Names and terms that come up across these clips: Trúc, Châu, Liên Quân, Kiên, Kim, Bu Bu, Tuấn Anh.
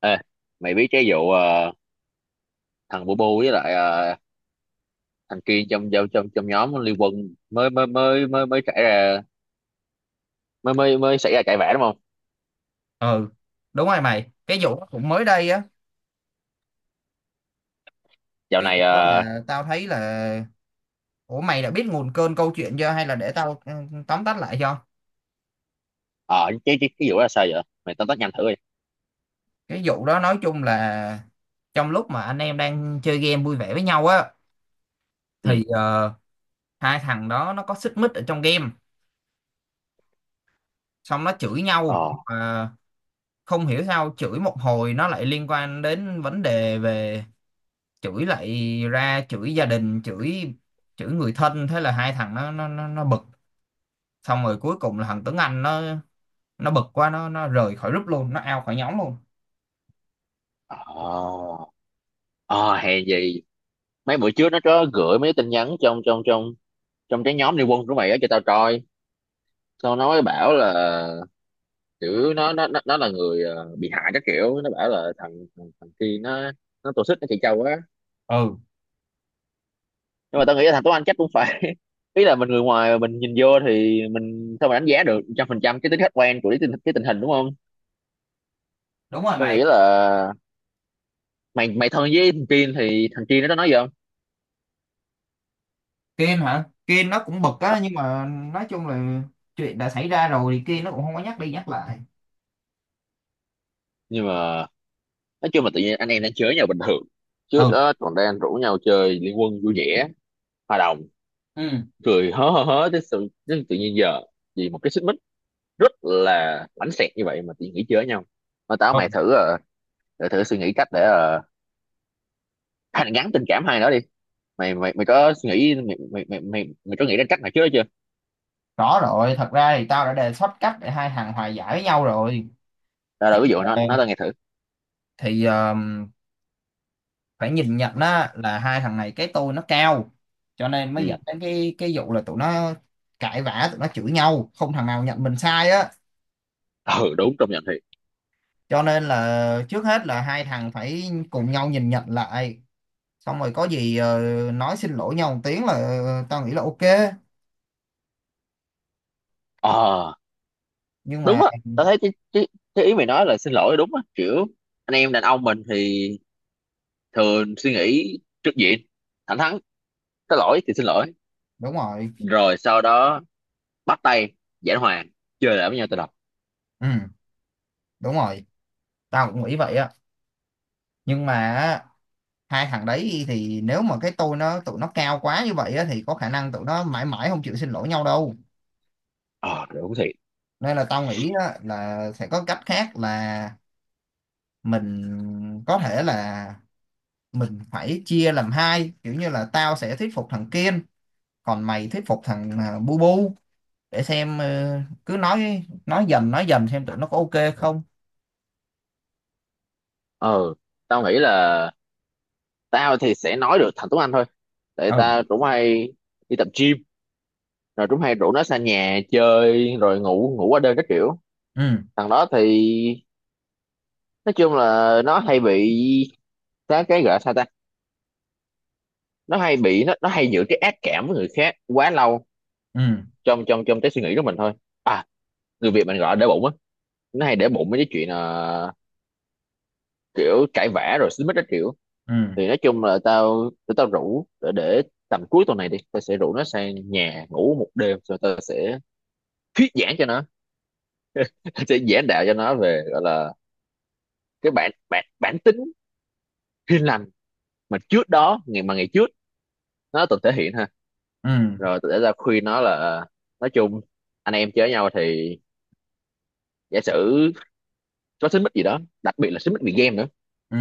Ê, mày biết cái vụ thằng Bu Bu với lại thằng Kiên trong trong trong trong nhóm Liên Quân mới mới mới mới mới xảy ra mới mới mới xảy ra cãi vã đúng không? ừ Đúng rồi mày, cái vụ đó cũng mới đây á. Dạo Cái này vụ đó ờ, là tao thấy là, ủa mày đã biết nguồn cơn câu chuyện chưa hay là để tao tóm tắt lại cho. ờ, Cái vụ đó là sao vậy? Mày tóm tắt nhanh thử đi. Cái vụ đó nói chung là trong lúc mà anh em đang chơi game vui vẻ với nhau á Ừ. thì hai thằng đó nó có xích mích ở trong game, xong nó chửi nhau Ờ. mà không hiểu sao chửi một hồi nó lại liên quan đến vấn đề về chửi, lại ra chửi gia đình, chửi chửi người thân. Thế là hai thằng nó bực, xong rồi cuối cùng là thằng Tuấn Anh nó bực quá nó rời khỏi group luôn, nó out khỏi nhóm luôn. Ờ. Ờ, hèn gì mấy bữa trước nó có gửi mấy tin nhắn trong trong trong trong cái nhóm Liên Quân của mày á cho tao coi. Xong nó mới bảo là kiểu nó là người bị hại các kiểu, nó bảo là thằng thằng, thằng Kiên nó tổ chức nó chị Châu á, Ừ nhưng mà tao nghĩ là thằng Tuấn Anh chắc cũng phải ý là mình người ngoài mà mình nhìn vô thì mình sao mà đánh giá được 100% cái tính khách quan của cái tình hình đúng không. đúng rồi Tao mày. nghĩ là mày mày thân với thằng Kiên thì thằng Kiên nó có nói gì không. Kiên hả? Kiên nó cũng bực á, nhưng mà nói chung là chuyện đã xảy ra rồi thì Kiên nó cũng không có nhắc đi nhắc lại. Nhưng mà nói chung là tự nhiên anh em đang chơi với nhau bình thường, trước Ừ. đó còn đang rủ nhau chơi liên quân vui vẻ, hòa đồng, Ừ. cười hớ hớ hớ tới tự nhiên giờ vì một cái xích mích rất là bánh xẹt như vậy mà tự nhiên nghỉ chơi với nhau. Mà Ừ, mày thử, thử suy nghĩ cách để hàn gắn tình cảm hai đó đi. Mày mày mày có nghĩ mày mày mày mày, mày có nghĩ đến cách này trước đó chưa? rõ rồi. Thật ra thì tao đã đề xuất cách để hai thằng hòa giải với nhau rồi. Tao Chỉ đâu, ví dụ nó là- tao nghe thử. thì phải nhìn nhận á là hai thằng này cái tôi nó cao, cho nên mới Ừ. dẫn đến cái vụ là tụi nó cãi vã, tụi nó chửi nhau không thằng nào nhận mình sai á. Ừ, đúng, công nhận thiệt. Cho nên là trước hết là hai thằng phải cùng nhau nhìn nhận lại, xong rồi có gì nói xin lỗi nhau một tiếng là, ờ, tao nghĩ là ok. Ờ, Nhưng đúng mà á, tao thấy cái ý mày nói là xin lỗi đúng á, kiểu anh em đàn ông mình thì thường suy nghĩ trước diện, thẳng thắn, có lỗi thì xin lỗi, đúng rồi. rồi sau đó bắt tay, giảng hòa, chơi lại với nhau từ đầu. Ừ đúng rồi, tao cũng nghĩ vậy á. Nhưng mà á, hai thằng đấy thì nếu mà cái tôi nó tụi nó cao quá như vậy á thì có khả năng tụi nó mãi mãi không chịu xin lỗi nhau đâu. Ờ, đúng thiệt. Nên là tao nghĩ á, là sẽ có cách khác là mình có thể là mình phải chia làm hai, kiểu như là tao sẽ thuyết phục thằng kiên, còn mày thuyết phục thằng bu bu, để xem cứ nói dần xem tụi nó có ok không. Ờ, tao nghĩ là tao thì sẽ nói được thành Tuấn Anh thôi, tại Ừ. tao cũng hay đi tập gym rồi Trúc hay rủ nó sang nhà chơi rồi ngủ ngủ qua đêm các kiểu. Ừ. Thằng đó thì nói chung là nó hay bị cái gọi là sao ta, nó hay giữ cái ác cảm với người khác quá lâu Ừ. trong trong trong cái suy nghĩ của mình thôi. À, người Việt mình gọi là để bụng á, nó hay để bụng mấy cái chuyện là kiểu cãi vã rồi xích mích các kiểu. Ừ. Thì nói chung là tụi tao rủ để tầm cuối tuần này đi, tao sẽ rủ nó sang nhà ngủ một đêm rồi tao sẽ thuyết giảng cho nó. Tao sẽ giảng đạo cho nó về gọi là cái bản bản bản tính hiền lành mà trước đó, ngày trước nó từng thể hiện ha. Ừ. Rồi tôi đã ra khuyên nó là nói chung anh em chơi với nhau thì giả sử có xích mích gì đó, đặc biệt là xích mích vì game nữa, Ừ.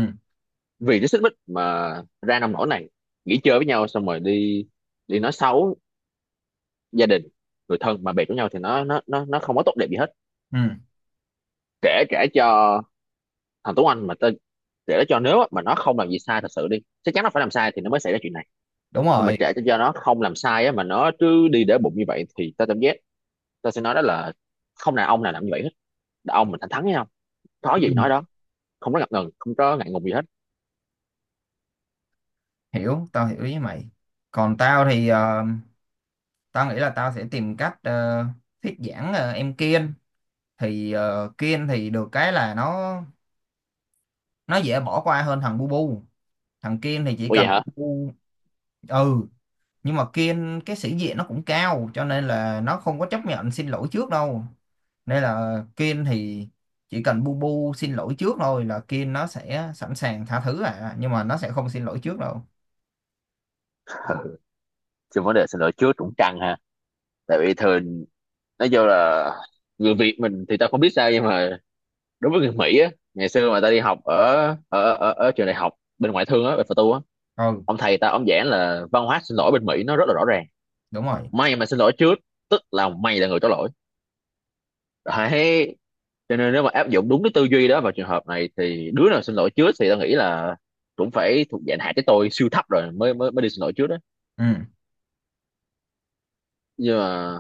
vì cái xích mích mà ra nông nỗi này, nghỉ chơi với nhau xong rồi đi đi nói xấu gia đình, người thân mà bè của nhau thì nó không có tốt đẹp gì hết. Ừ Kể Kể cho thằng Tuấn Anh mà tên, kể cho nếu á, mà nó không làm gì sai thật sự đi, chắc chắn nó phải làm sai thì nó mới xảy ra chuyện này. đúng Nhưng mà rồi. kể cho nó không làm sai á, mà nó cứ đi để bụng như vậy thì ta cảm giác tôi sẽ nói đó là không nào ông nào làm như vậy hết. Đàn ông mình thẳng thắn với nhau, nói gì nói Ừ. đó, không có ngập ngừng, không có ngại ngùng gì hết. Hiểu, tao hiểu ý mày. Còn tao thì tao nghĩ là tao sẽ tìm cách thuyết giảng, ờ, em Kiên. Thì ờ, Kiên thì được cái là nó dễ bỏ qua hơn thằng bu bu. Thằng Kiên thì chỉ Ủa, vậy cần hả? bu. Ừ. Nhưng mà Kiên cái sĩ diện nó cũng cao cho nên là nó không có chấp nhận xin lỗi trước đâu. Nên là Kiên thì chỉ cần bu bu xin lỗi trước thôi là Kiên nó sẽ sẵn sàng tha thứ. À nhưng mà nó sẽ không xin lỗi trước đâu. Chứ vấn đề xin lỗi trước cũng căng ha, tại vì thường nói vô là người Việt mình thì tao không biết sao nhưng mà đối với người Mỹ á, ngày xưa mà tao đi học ở ở trường đại học bên ngoại thương á bên Phật tu á, Ừ ông thầy tao ông giảng là văn hóa xin lỗi bên Mỹ nó rất là rõ ràng. đúng rồi. Mày mà xin lỗi trước tức là mày là người có lỗi, đấy, cho nên nếu mà áp dụng đúng cái tư duy đó vào trường hợp này thì đứa nào xin lỗi trước thì tao nghĩ là cũng phải thuộc dạng hạ cái tôi siêu thấp rồi mới mới mới đi xin lỗi trước đó. Ừ. Nhưng mà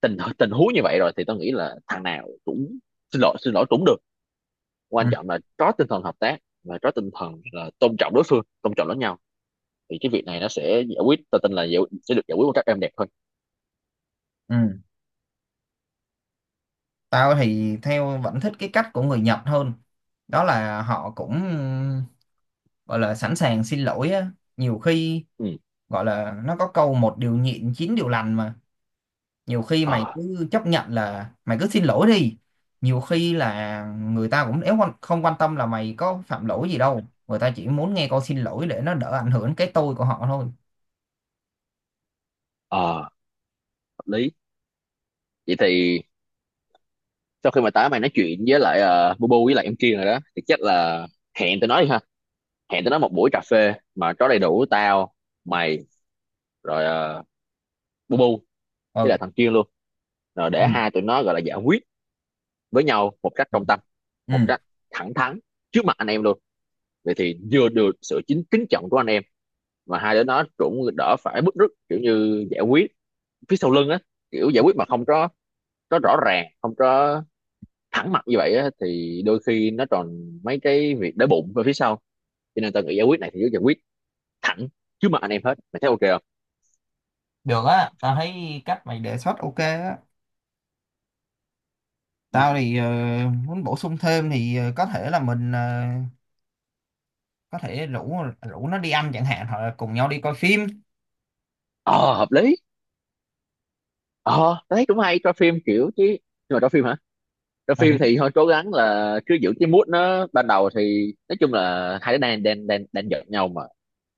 tình tình huống như vậy rồi thì tao nghĩ là thằng nào cũng xin lỗi, xin lỗi cũng được, quan Ừ. trọng là có tinh thần hợp tác và có tinh thần là tôn trọng đối phương, tôn trọng lẫn nhau thì cái việc này nó sẽ giải quyết, tao tin là sẽ được giải quyết một cách êm đẹp hơn. Ừ. Tao thì theo vẫn thích cái cách của người Nhật hơn. Đó là họ cũng gọi là sẵn sàng xin lỗi á, nhiều khi Ừ. gọi là, nó có câu một điều nhịn chín điều lành mà, nhiều khi Ờ. mày cứ chấp nhận là mày cứ xin lỗi đi. Nhiều khi là người ta cũng, nếu quan- không quan tâm là mày có phạm lỗi gì đâu, người ta chỉ muốn nghe câu xin lỗi để nó đỡ ảnh hưởng cái tôi của họ thôi. Ờ, hợp lý. Vậy thì sau khi mà mày nói chuyện với lại Bubu với lại em kia rồi đó thì chắc là hẹn tụi nó đi ha, hẹn tụi nó một buổi cà phê mà có đầy đủ tao, mày, rồi bu bu với lại Ừ. thằng Kiên luôn, rồi để Ừ. hai tụi nó gọi là giải quyết với nhau một cách công tâm, một Ừ. cách thẳng thắn, trước mặt anh em luôn. Vậy thì vừa được sự chính kính trọng của anh em, mà hai đứa nó cũng đỡ phải bứt rứt kiểu như giải quyết phía sau lưng á, kiểu giải quyết mà không có, có rõ ràng, không có thẳng mặt như vậy á thì đôi khi nó còn mấy cái việc đói bụng ở phía sau, cho nên tao nghĩ giải quyết này thì cứ giải quyết thẳng trước mặt anh em hết. Mày thấy ok không? Được á, tao thấy cách mày đề xuất ok á. Tao thì muốn bổ sung thêm thì có thể là mình, ờ, có thể rủ rủ nó đi ăn chẳng hạn, hoặc là cùng nhau đi coi phim. Ờ, hợp lý. Ờ, đấy cũng hay cho phim kiểu chứ, nhưng mà cho phim hả? Cho phim thì Ừ. thôi, cố gắng là cứ giữ cái mood nó ban đầu, thì nói chung là hai đứa đang đang đang đang giận nhau mà,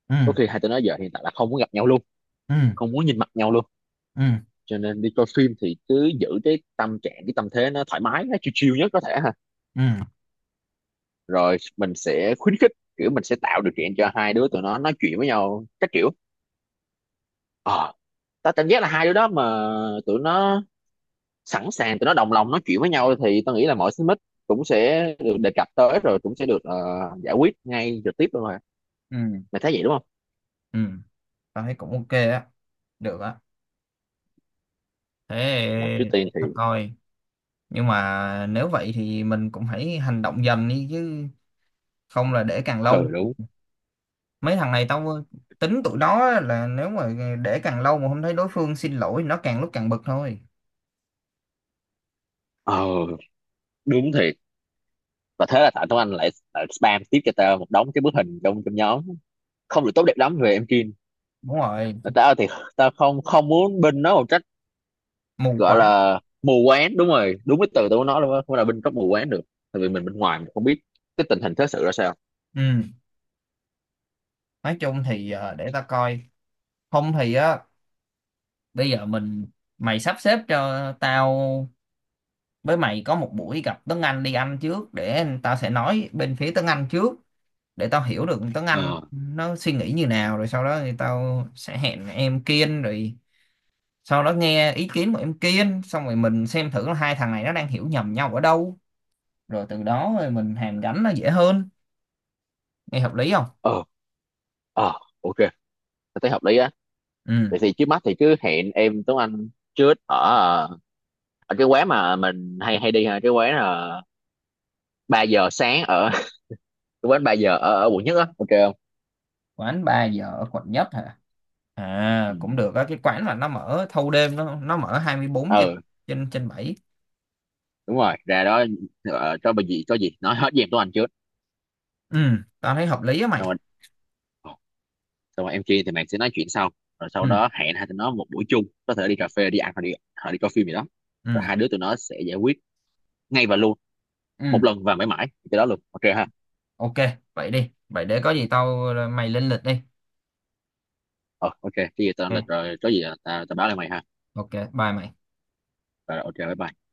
Ừ. có khi hai tụi nó giờ hiện tại là không muốn gặp nhau luôn, Ừ. không muốn nhìn mặt nhau luôn, Ừ. cho nên đi coi phim thì cứ giữ cái tâm trạng, cái tâm thế nó thoải mái, nó chill chill nhất có thể ha. Ừ. Rồi mình sẽ khuyến khích, kiểu mình sẽ tạo điều kiện cho hai đứa tụi nó nói chuyện với nhau các kiểu. ờ Tao cảm giác là hai đứa đó mà tụi nó sẵn sàng, tụi nó đồng lòng nói chuyện với nhau thì tôi nghĩ là mọi xích mích cũng sẽ được đề cập tới, rồi cũng sẽ được giải quyết ngay trực tiếp luôn rồi. Ừ. Mày thấy vậy đúng không? Ừ, tao thấy cũng ok á, được á. Mà trước Thế tiên để thì... tao coi. Nhưng mà nếu vậy thì mình cũng hãy hành động dần đi chứ, không là để càng Ừ, lâu, đúng. mấy thằng này tao tính tụi đó là nếu mà để càng lâu mà không thấy đối phương xin lỗi nó càng lúc càng bực thôi. Ờ, đúng thiệt, và thế là tại Tuấn Anh lại spam tiếp cho tao một đống cái bức hình trong trong nhóm không được tốt đẹp lắm về em Kim. Đúng rồi. Mà tao thì tao không không muốn binh nó một trách, Mù gọi quáng. là mù quáng, đúng rồi, đúng cái từ tao muốn nói luôn á, không là binh có mù quáng được, tại vì mình bên ngoài mình không biết cái tình hình thế sự ra sao. Ừ, nói chung thì, ờ, để tao coi. Không thì á, bây giờ mình, mày sắp xếp cho tao với mày có một buổi gặp Tuấn Anh đi ăn trước, để tao sẽ nói bên phía Tuấn Anh trước, để tao hiểu được tiếng Anh ờ nó suy nghĩ như nào, rồi sau đó thì tao sẽ hẹn em Kiên, rồi sau đó nghe ý kiến của em Kiên xong rồi mình xem thử là hai thằng này nó đang hiểu nhầm nhau ở đâu, rồi từ đó rồi mình hàn gắn nó dễ hơn. Nghe hợp lý không? ờ ờ ok, tao thấy hợp lý á. Ừ. Vậy thì trước mắt thì cứ hẹn em Tuấn Anh trước ở ở cái quán mà mình hay hay đi ha, cái quán là 3 giờ sáng ở cái quán 3 giờ ở quận nhất á, ok không? Quán ba giờ ở quận nhất hả? À Ừ. cũng được á, cái quán mà nó mở thâu đêm, nó mở 24 trên Ừ, trên trên bảy. đúng rồi, ra đó, cho bà gì có gì nói hết với em Tuấn Anh trước. Ừ, tao thấy hợp lý á mày. Xong rồi ờ, xong rồi em kia thì mày sẽ nói chuyện sau, rồi sau Ừ. đó hẹn hai tụi nó một buổi chung, có thể đi cà phê, đi ăn, hoặc đi coi phim gì đó, rồi Ừ. hai đứa tụi nó sẽ giải quyết ngay và luôn, Ừ. một lần và mãi mãi cái đó luôn, ok ha? Ok. Vậy đi, vậy để có gì tao mày lên lịch đi. Ờ, ok, cái gì tao lên lịch Ok, rồi có gì là tao tao báo lại mày ha. ok, bye mày. Rồi ok, bye bye.